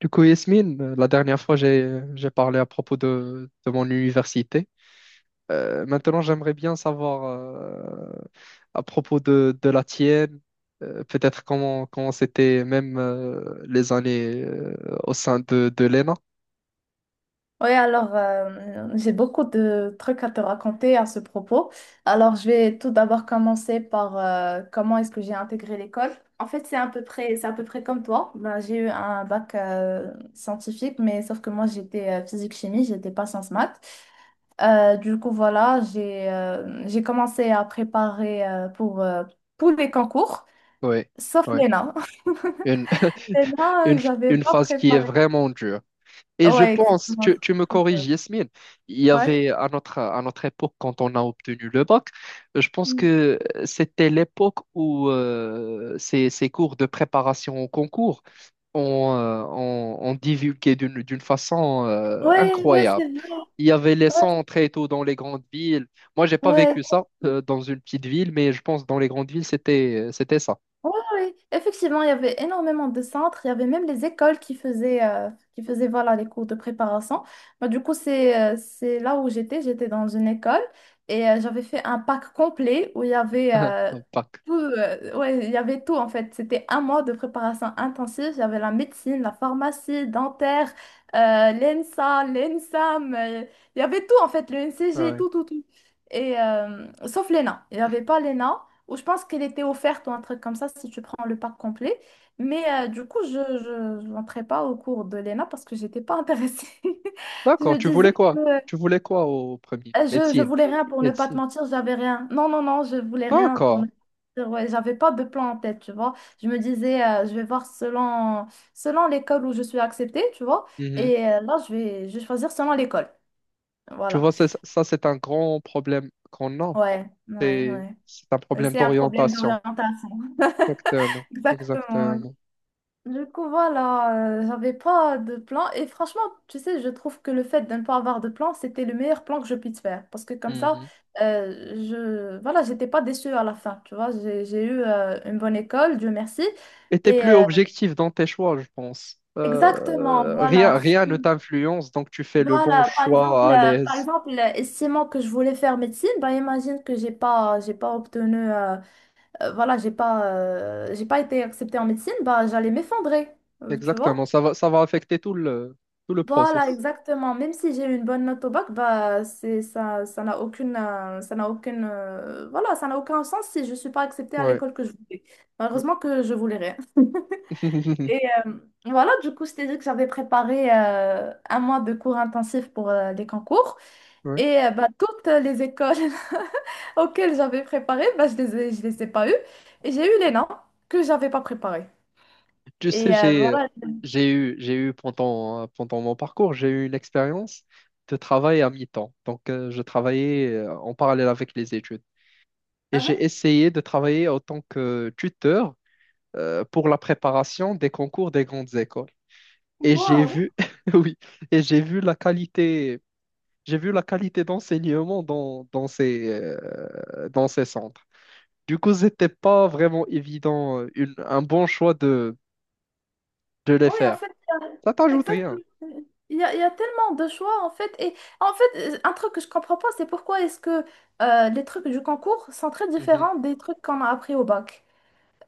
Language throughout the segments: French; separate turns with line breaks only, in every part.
Du coup, Yasmine, la dernière fois, j'ai parlé à propos de mon université. Maintenant, j'aimerais bien savoir à propos de la tienne, peut-être comment c'était même les années au sein de l'ENA.
Oui, alors j'ai beaucoup de trucs à te raconter à ce propos. Alors je vais tout d'abord commencer par comment est-ce que j'ai intégré l'école. En fait, c'est à peu près comme toi. Ben, j'ai eu un bac scientifique, mais sauf que moi j'étais physique-chimie, j'étais pas sciences maths. Du coup, voilà, j'ai commencé à préparer pour tous les concours,
Oui,
sauf
oui.
l'ENA.
Une,
L'ENA,
une,
j'avais
une
pas
phase qui est
préparé.
vraiment dure. Et je
Ouais,
pense,
exactement,
tu
c'est
me
trop dur.
corriges, Yasmine, il y
Ouais.
avait à à notre époque, quand on a obtenu le bac, je pense que c'était l'époque où ces cours de préparation au concours, ont divulgué d'une façon
Ouais, ouais, c'est
incroyable.
vrai.
Il y avait les
Ouais,
sons très tôt dans les grandes villes. Moi, j'ai pas
ouais.
vécu ça dans une petite ville, mais je pense que dans les grandes villes, c'était c'était ça.
Oui, oui, effectivement, il y avait énormément de centres, il y avait même les écoles qui faisaient voilà, les cours de préparation. Bah, du coup, c'est là où j'étais dans une école et j'avais fait un pack complet où il y avait,
Un Bac.
tout, ouais, il y avait tout en fait. C'était un mois de préparation intensive, j'avais la médecine, la pharmacie, dentaire, l'ENSA, l'ENSAM, il y avait tout en fait, le
Ouais,
NCG,
ouais.
tout, tout, tout. Et sauf l'ENA, il n'y avait pas l'ENA. Ou je pense qu'elle était offerte ou un truc comme ça si tu prends le pack complet. Mais du coup, je n'entrais pas au cours de l'ENA parce que j'étais pas intéressée. Je
D'accord,
me
tu
disais
voulais
que
quoi? Tu voulais quoi au premier?
je
Médecine.
voulais rien pour ne pas te
Médecine.
mentir, j'avais rien. Non, non, non, je voulais rien pour
D'accord.
ne pas te mentir. Ouais, j'avais pas de plan en tête, tu vois. Je me disais, je vais voir selon, selon l'école où je suis acceptée, tu vois.
Mhm.
Et là, je vais choisir selon l'école.
Tu
Voilà.
vois, ça, c'est un grand problème qu'on a.
Ouais, ouais,
C'est un
ouais.
problème
C'est un problème
d'orientation.
d'orientation.
Exactement,
Exactement, ouais.
exactement.
Du coup, voilà, j'avais pas de plan. Et franchement, tu sais, je trouve que le fait de ne pas avoir de plan, c'était le meilleur plan que je puisse faire. Parce que comme ça,
Mhm.
je voilà, j'étais pas déçue à la fin. Tu vois, j'ai eu une bonne école, Dieu merci.
Et t'es
Et
plus objectif dans tes choix, je pense.
exactement, voilà.
Rien ne t'influence, donc tu fais le bon
Voilà, par exemple,
choix à l'aise.
estimant que je voulais faire médecine, bah imagine que j'ai pas obtenu, voilà, j'ai pas été acceptée en médecine, bah j'allais m'effondrer, tu vois.
Exactement, ça va affecter tout tout le
Voilà,
process.
exactement. Même si j'ai eu une bonne note au bac, bah, ça n'a ça n'a voilà, ça n'a aucun sens si je ne suis pas acceptée à
Ouais.
l'école que je voulais. Malheureusement que je voulais rien. Et euh, voilà, du coup, je t'ai dit que j'avais préparé un mois de cours intensifs pour les concours.
Ouais.
Et bah, toutes les écoles auxquelles j'avais préparé, bah, je les ai pas eues. Et j'ai eu les noms que j'avais pas préparés.
Tu sais,
Et voilà.
j'ai eu pendant mon parcours, j'ai eu une expérience de travail à mi-temps. Donc, je travaillais en parallèle avec les études. Et j'ai essayé de travailler en tant que tuteur pour la préparation des concours des grandes écoles. Et j'ai
Wow.
vu, oui, et j'ai vu la qualité, j'ai vu la qualité d'enseignement dans dans ces centres. Du coup, c'était pas vraiment évident, un bon choix de les
Oui, en
faire.
fait,
Ça t'ajoute rien.
exactement. Il y a tellement de choix, en fait. Et en fait, un truc que je comprends pas, c'est pourquoi est-ce que les trucs du concours sont très
Mhm.
différents des trucs qu'on a appris au bac.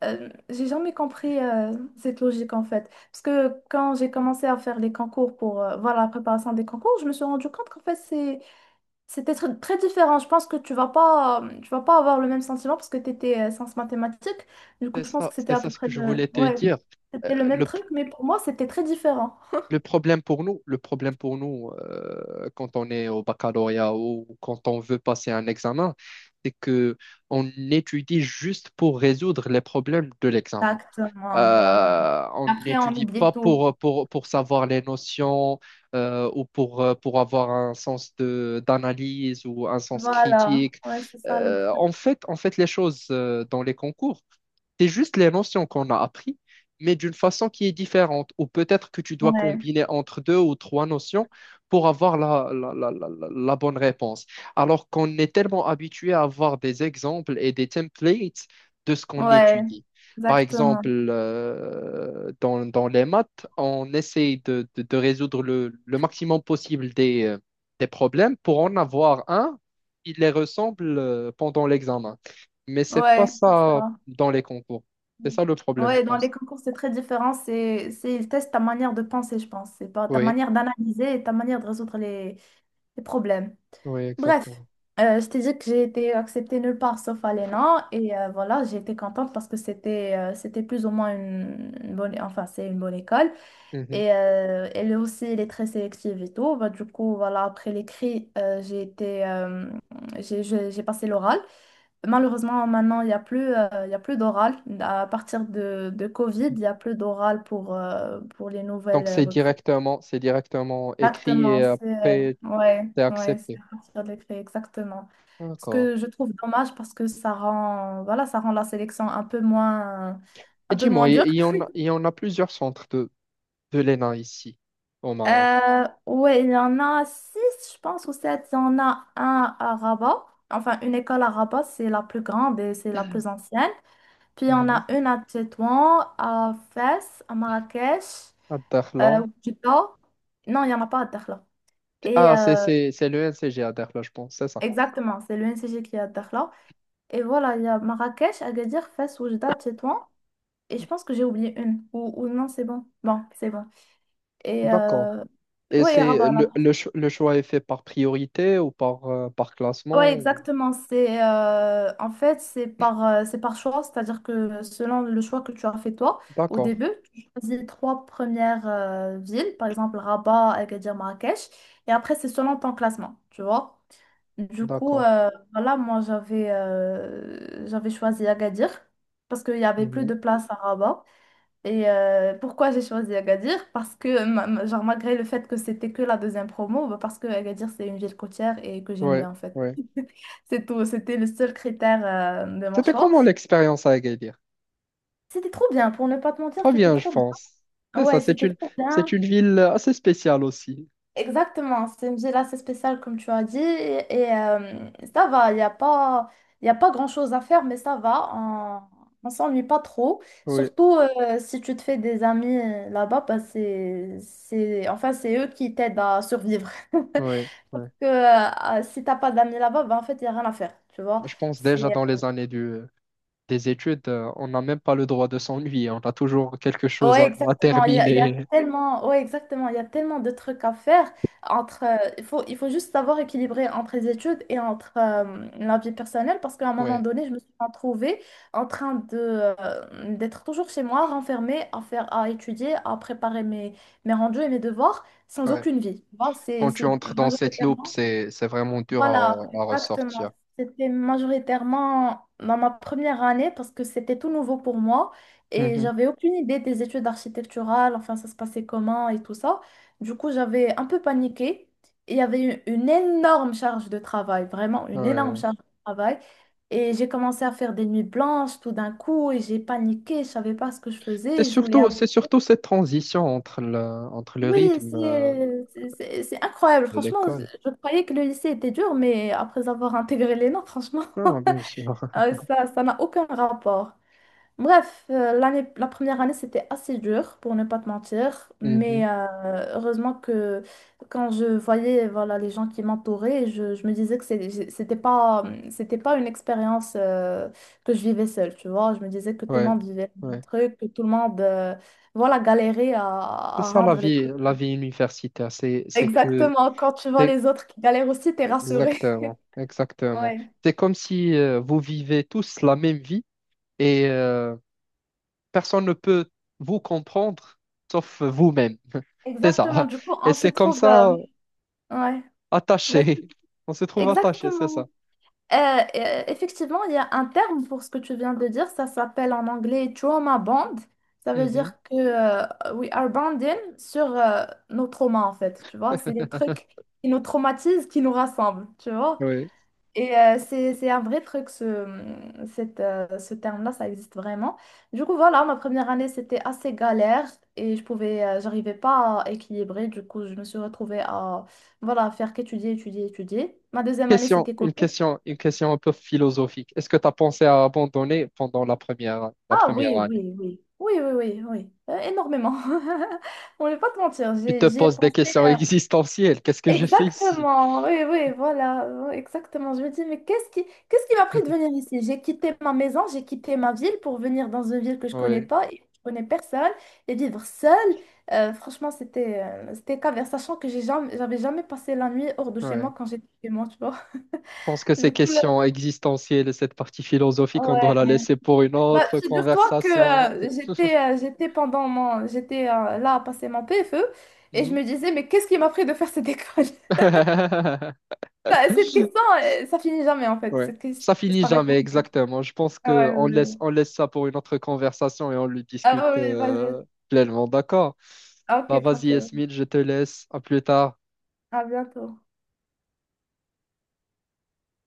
J'ai jamais compris cette logique, en fait. Parce que quand j'ai commencé à faire les concours pour voilà, la préparation des concours, je me suis rendu compte qu'en fait, très différent. Je pense que tu vas pas avoir le même sentiment parce que tu étais sciences mathématiques. Du coup, je pense que c'était
C'est
à
ça
peu
ce
près
que je
le,
voulais te
ouais,
dire. Euh,
c'était le même
le
truc, mais pour moi, c'était très différent.
Le problème pour nous, le problème pour nous quand on est au baccalauréat ou quand on veut passer un examen, c'est que on étudie juste pour résoudre les problèmes de l'examen.
Exactement, voilà.
On
Après, on
n'étudie
oublie
pas
tout.
pour savoir les notions ou pour avoir un sens d'analyse ou un sens
Voilà,
critique.
ouais, c'est ça le truc.
On fait les choses dans les concours c'est juste les notions qu'on a appris, mais d'une façon qui est différente. Ou peut-être que tu dois
Ouais,
combiner entre deux ou trois notions pour avoir la bonne réponse. Alors qu'on est tellement habitué à avoir des exemples et des templates de ce qu'on
ouais,
étudie. Par
exactement.
exemple, dans les maths, on essaye de résoudre le maximum possible des problèmes pour en avoir un qui les ressemble pendant l'examen. Mais c'est pas
Ouais, c'est
ça
ça.
dans les concours. C'est ça le problème, je
Ouais, dans les
pense.
concours, c'est très différent. Ils testent ta manière de penser, je pense. C'est pas ta
Oui,
manière d'analyser et ta manière de résoudre les problèmes.
oui,
Bref,
exactement.
je t'ai dit que j'ai été acceptée nulle part sauf à l'ENA et voilà, j'ai été contente parce que c'était plus ou moins une bonne, enfin c'est une bonne école
Mhm.
et elle est très sélective et tout. Bah, du coup, voilà, après l'écrit, j'ai passé l'oral. Malheureusement, maintenant, il y a plus d'oral. À partir de Covid, il y a plus d'oral pour les
Donc
nouvelles recrues.
c'est directement écrit et
Exactement, c'est
après
ouais,
c'est
ouais, c'est
accepté.
à partir de l'écrit, exactement. Ce
D'accord.
que je trouve dommage parce que ça rend voilà, ça rend la sélection
Et
un peu
dis-moi,
moins dure.
il y en a plusieurs centres de l'ENA ici, au Maroc.
Ouais, il y en a six, je pense, ou sept. Il y en a un à Rabat. Enfin, une école à Rabat, c'est la plus grande et c'est la plus ancienne. Puis, il y en
Mhm.
a une à Tétouan, à Fès, à Marrakech,
À Dakhla.
au non, il n'y en a pas à Dakhla. Et
Ah, c'est le NCG à Dakhla, je pense, c'est ça.
exactement, c'est l'UNCG qui est à Dakhla. Et voilà, il y a Marrakech, Agadir, Fès, Oujda, Tétouan. Et je pense que j'ai oublié une. Ou non, c'est bon. Bon, c'est bon. Et
D'accord. Et
ouais, et
c'est
Rabat là.
le choix est fait par priorité ou par, par
Ouais,
classement ou-
exactement. C'est en fait c'est par choix, c'est-à-dire que selon le choix que tu as fait toi au
D'accord,
début, tu choisis les trois premières villes, par exemple Rabat, Agadir, Marrakech, et après c'est selon ton classement, tu vois. Du coup,
d'accord.
voilà, moi j'avais choisi Agadir parce qu'il y avait plus
Mhm.
de place à Rabat. Et pourquoi j'ai choisi Agadir? Parce que, genre, malgré le fait que c'était que la deuxième promo, bah, parce que Agadir, c'est une ville côtière et que j'aime
Ouais,
bien, en fait.
ouais.
C'est tout, c'était le seul critère de mon
C'était
choix.
comment l'expérience à Agadir?
C'était trop bien, pour ne pas te mentir,
Très
c'était
bien, je
trop
pense.
bien.
C'est ça,
Ouais, c'était trop
c'est
bien.
une ville assez spéciale aussi.
Exactement, c'est une ville assez spéciale comme tu as dit et, ça va, il y a pas grand-chose à faire mais ça va, on s'ennuie pas trop.
Oui,
Surtout si tu te fais des amis là-bas, bah, enfin, c'est eux qui t'aident à survivre.
oui, oui.
Que, si t'as pas d'amis là-bas, bah, en fait, il n'y a rien à faire, tu vois.
Je pense déjà dans les années des études, on n'a même pas le droit de s'ennuyer. On a toujours quelque chose
Ouais,
à
exactement. Il y a
terminer.
tellement, ouais, exactement. Il y a tellement de trucs à faire entre, il faut juste savoir équilibrer entre les études et entre la vie personnelle parce qu'à un moment
Oui,
donné, je me suis retrouvée en train de, d'être toujours chez moi, renfermée, à étudier, à préparer mes, mes rendus et mes devoirs sans
oui.
aucune vie. Tu vois,
Quand tu
c'est
entres dans cette loupe,
majoritairement.
c'est vraiment dur
Voilà,
à
exactement.
ressortir.
C'était majoritairement dans ma première année parce que c'était tout nouveau pour moi et
Mhm,
j'avais aucune idée des études architecturales, enfin ça se passait comment et tout ça. Du coup, j'avais un peu paniqué et il y avait eu une énorme charge de travail, vraiment une énorme
ouais.
charge de travail. Et j'ai commencé à faire des nuits blanches tout d'un coup et j'ai paniqué, je savais pas ce que je faisais, je voulais
C'est surtout cette transition entre entre le
oui,
rythme
c'est incroyable.
de
Franchement,
l'école.
je croyais que le lycée était dur, mais après avoir intégré les notes, franchement,
Non, non, bien sûr.
ça n'a aucun rapport. Bref, la première année, c'était assez dur, pour ne pas te mentir,
Mhm,
mais heureusement que quand je voyais voilà, les gens qui m'entouraient, je me disais que c'était pas une expérience que je vivais seule, tu vois. Je me disais que tout le
ouais,
monde vivait le même
ouais.
truc, que tout le monde... voilà, galérait
C'est
à
ça
rendre les trucs.
la vie universitaire, c'est c'est que
Exactement, quand tu vois
c'est
les autres qui galèrent aussi, t'es rassuré.
exactement, exactement.
Ouais,
C'est comme si vous vivez tous la même vie et personne ne peut vous comprendre sauf vous-même. C'est
exactement.
ça.
Du coup,
Et
on se
c'est comme
trouve. Euh,
ça
ouais, vas-y.
attaché. On se trouve attaché, c'est
Exactement.
ça.
Euh, effectivement, il y a un terme pour ce que tu viens de dire. Ça s'appelle en anglais trauma bond. Ça veut
Mhm.
dire que we are bonding sur nos traumas, en fait. Tu vois, c'est des trucs qui nous traumatisent, qui nous rassemblent. Tu vois?
Oui.
Et c'est un vrai truc, ce terme-là, ça existe vraiment. Du coup, voilà, ma première année, c'était assez galère et j'arrivais pas à équilibrer. Du coup, je me suis retrouvée à, voilà, faire qu'étudier, étudier, étudier. Ma deuxième année,
Question,
c'était
une
Covid.
question, une question un peu philosophique. Est-ce que tu as pensé à abandonner pendant la
Ah
première
oui,
année?
oui, oui. Oui, oui, oui, oui. Énormément. On ne va pas te mentir,
Tu te
j'y ai
poses des
pensé.
questions existentielles. Qu'est-ce que je fais ici?
Exactement, oui, oui, voilà, oui, exactement. Je me dis, mais qu'est-ce qui m'a pris de venir ici? J'ai quitté ma maison, j'ai quitté ma ville pour venir dans une ville que je connais
Oui,
pas et je connais personne et vivre seule. Franchement, c'était caverne, sachant que j'avais jamais passé la nuit hors de chez
ouais.
moi quand j'étais chez moi, tu vois.
Je pense que ces
Du coup, là,
questions existentielles et cette partie philosophique, on doit la
ouais.
laisser pour une
Bah,
autre
figure-toi que
conversation.
j'étais là à passer mon PFE et je
Mhm.
me disais, mais qu'est-ce qui m'a pris de faire cette école? Bah, cette question, ça finit jamais en fait.
Ouais.
Cette question
Ça finit
disparaît
jamais,
jamais.
exactement. Je pense que
Ouais, ouais.
on laisse ça pour une autre conversation et on le discute
Ah oui, vas-y.
pleinement. D'accord.
Ah,
Bah,
Ok,
vas-y,
tranquille.
Esmil, je te laisse. À plus tard.
À bientôt.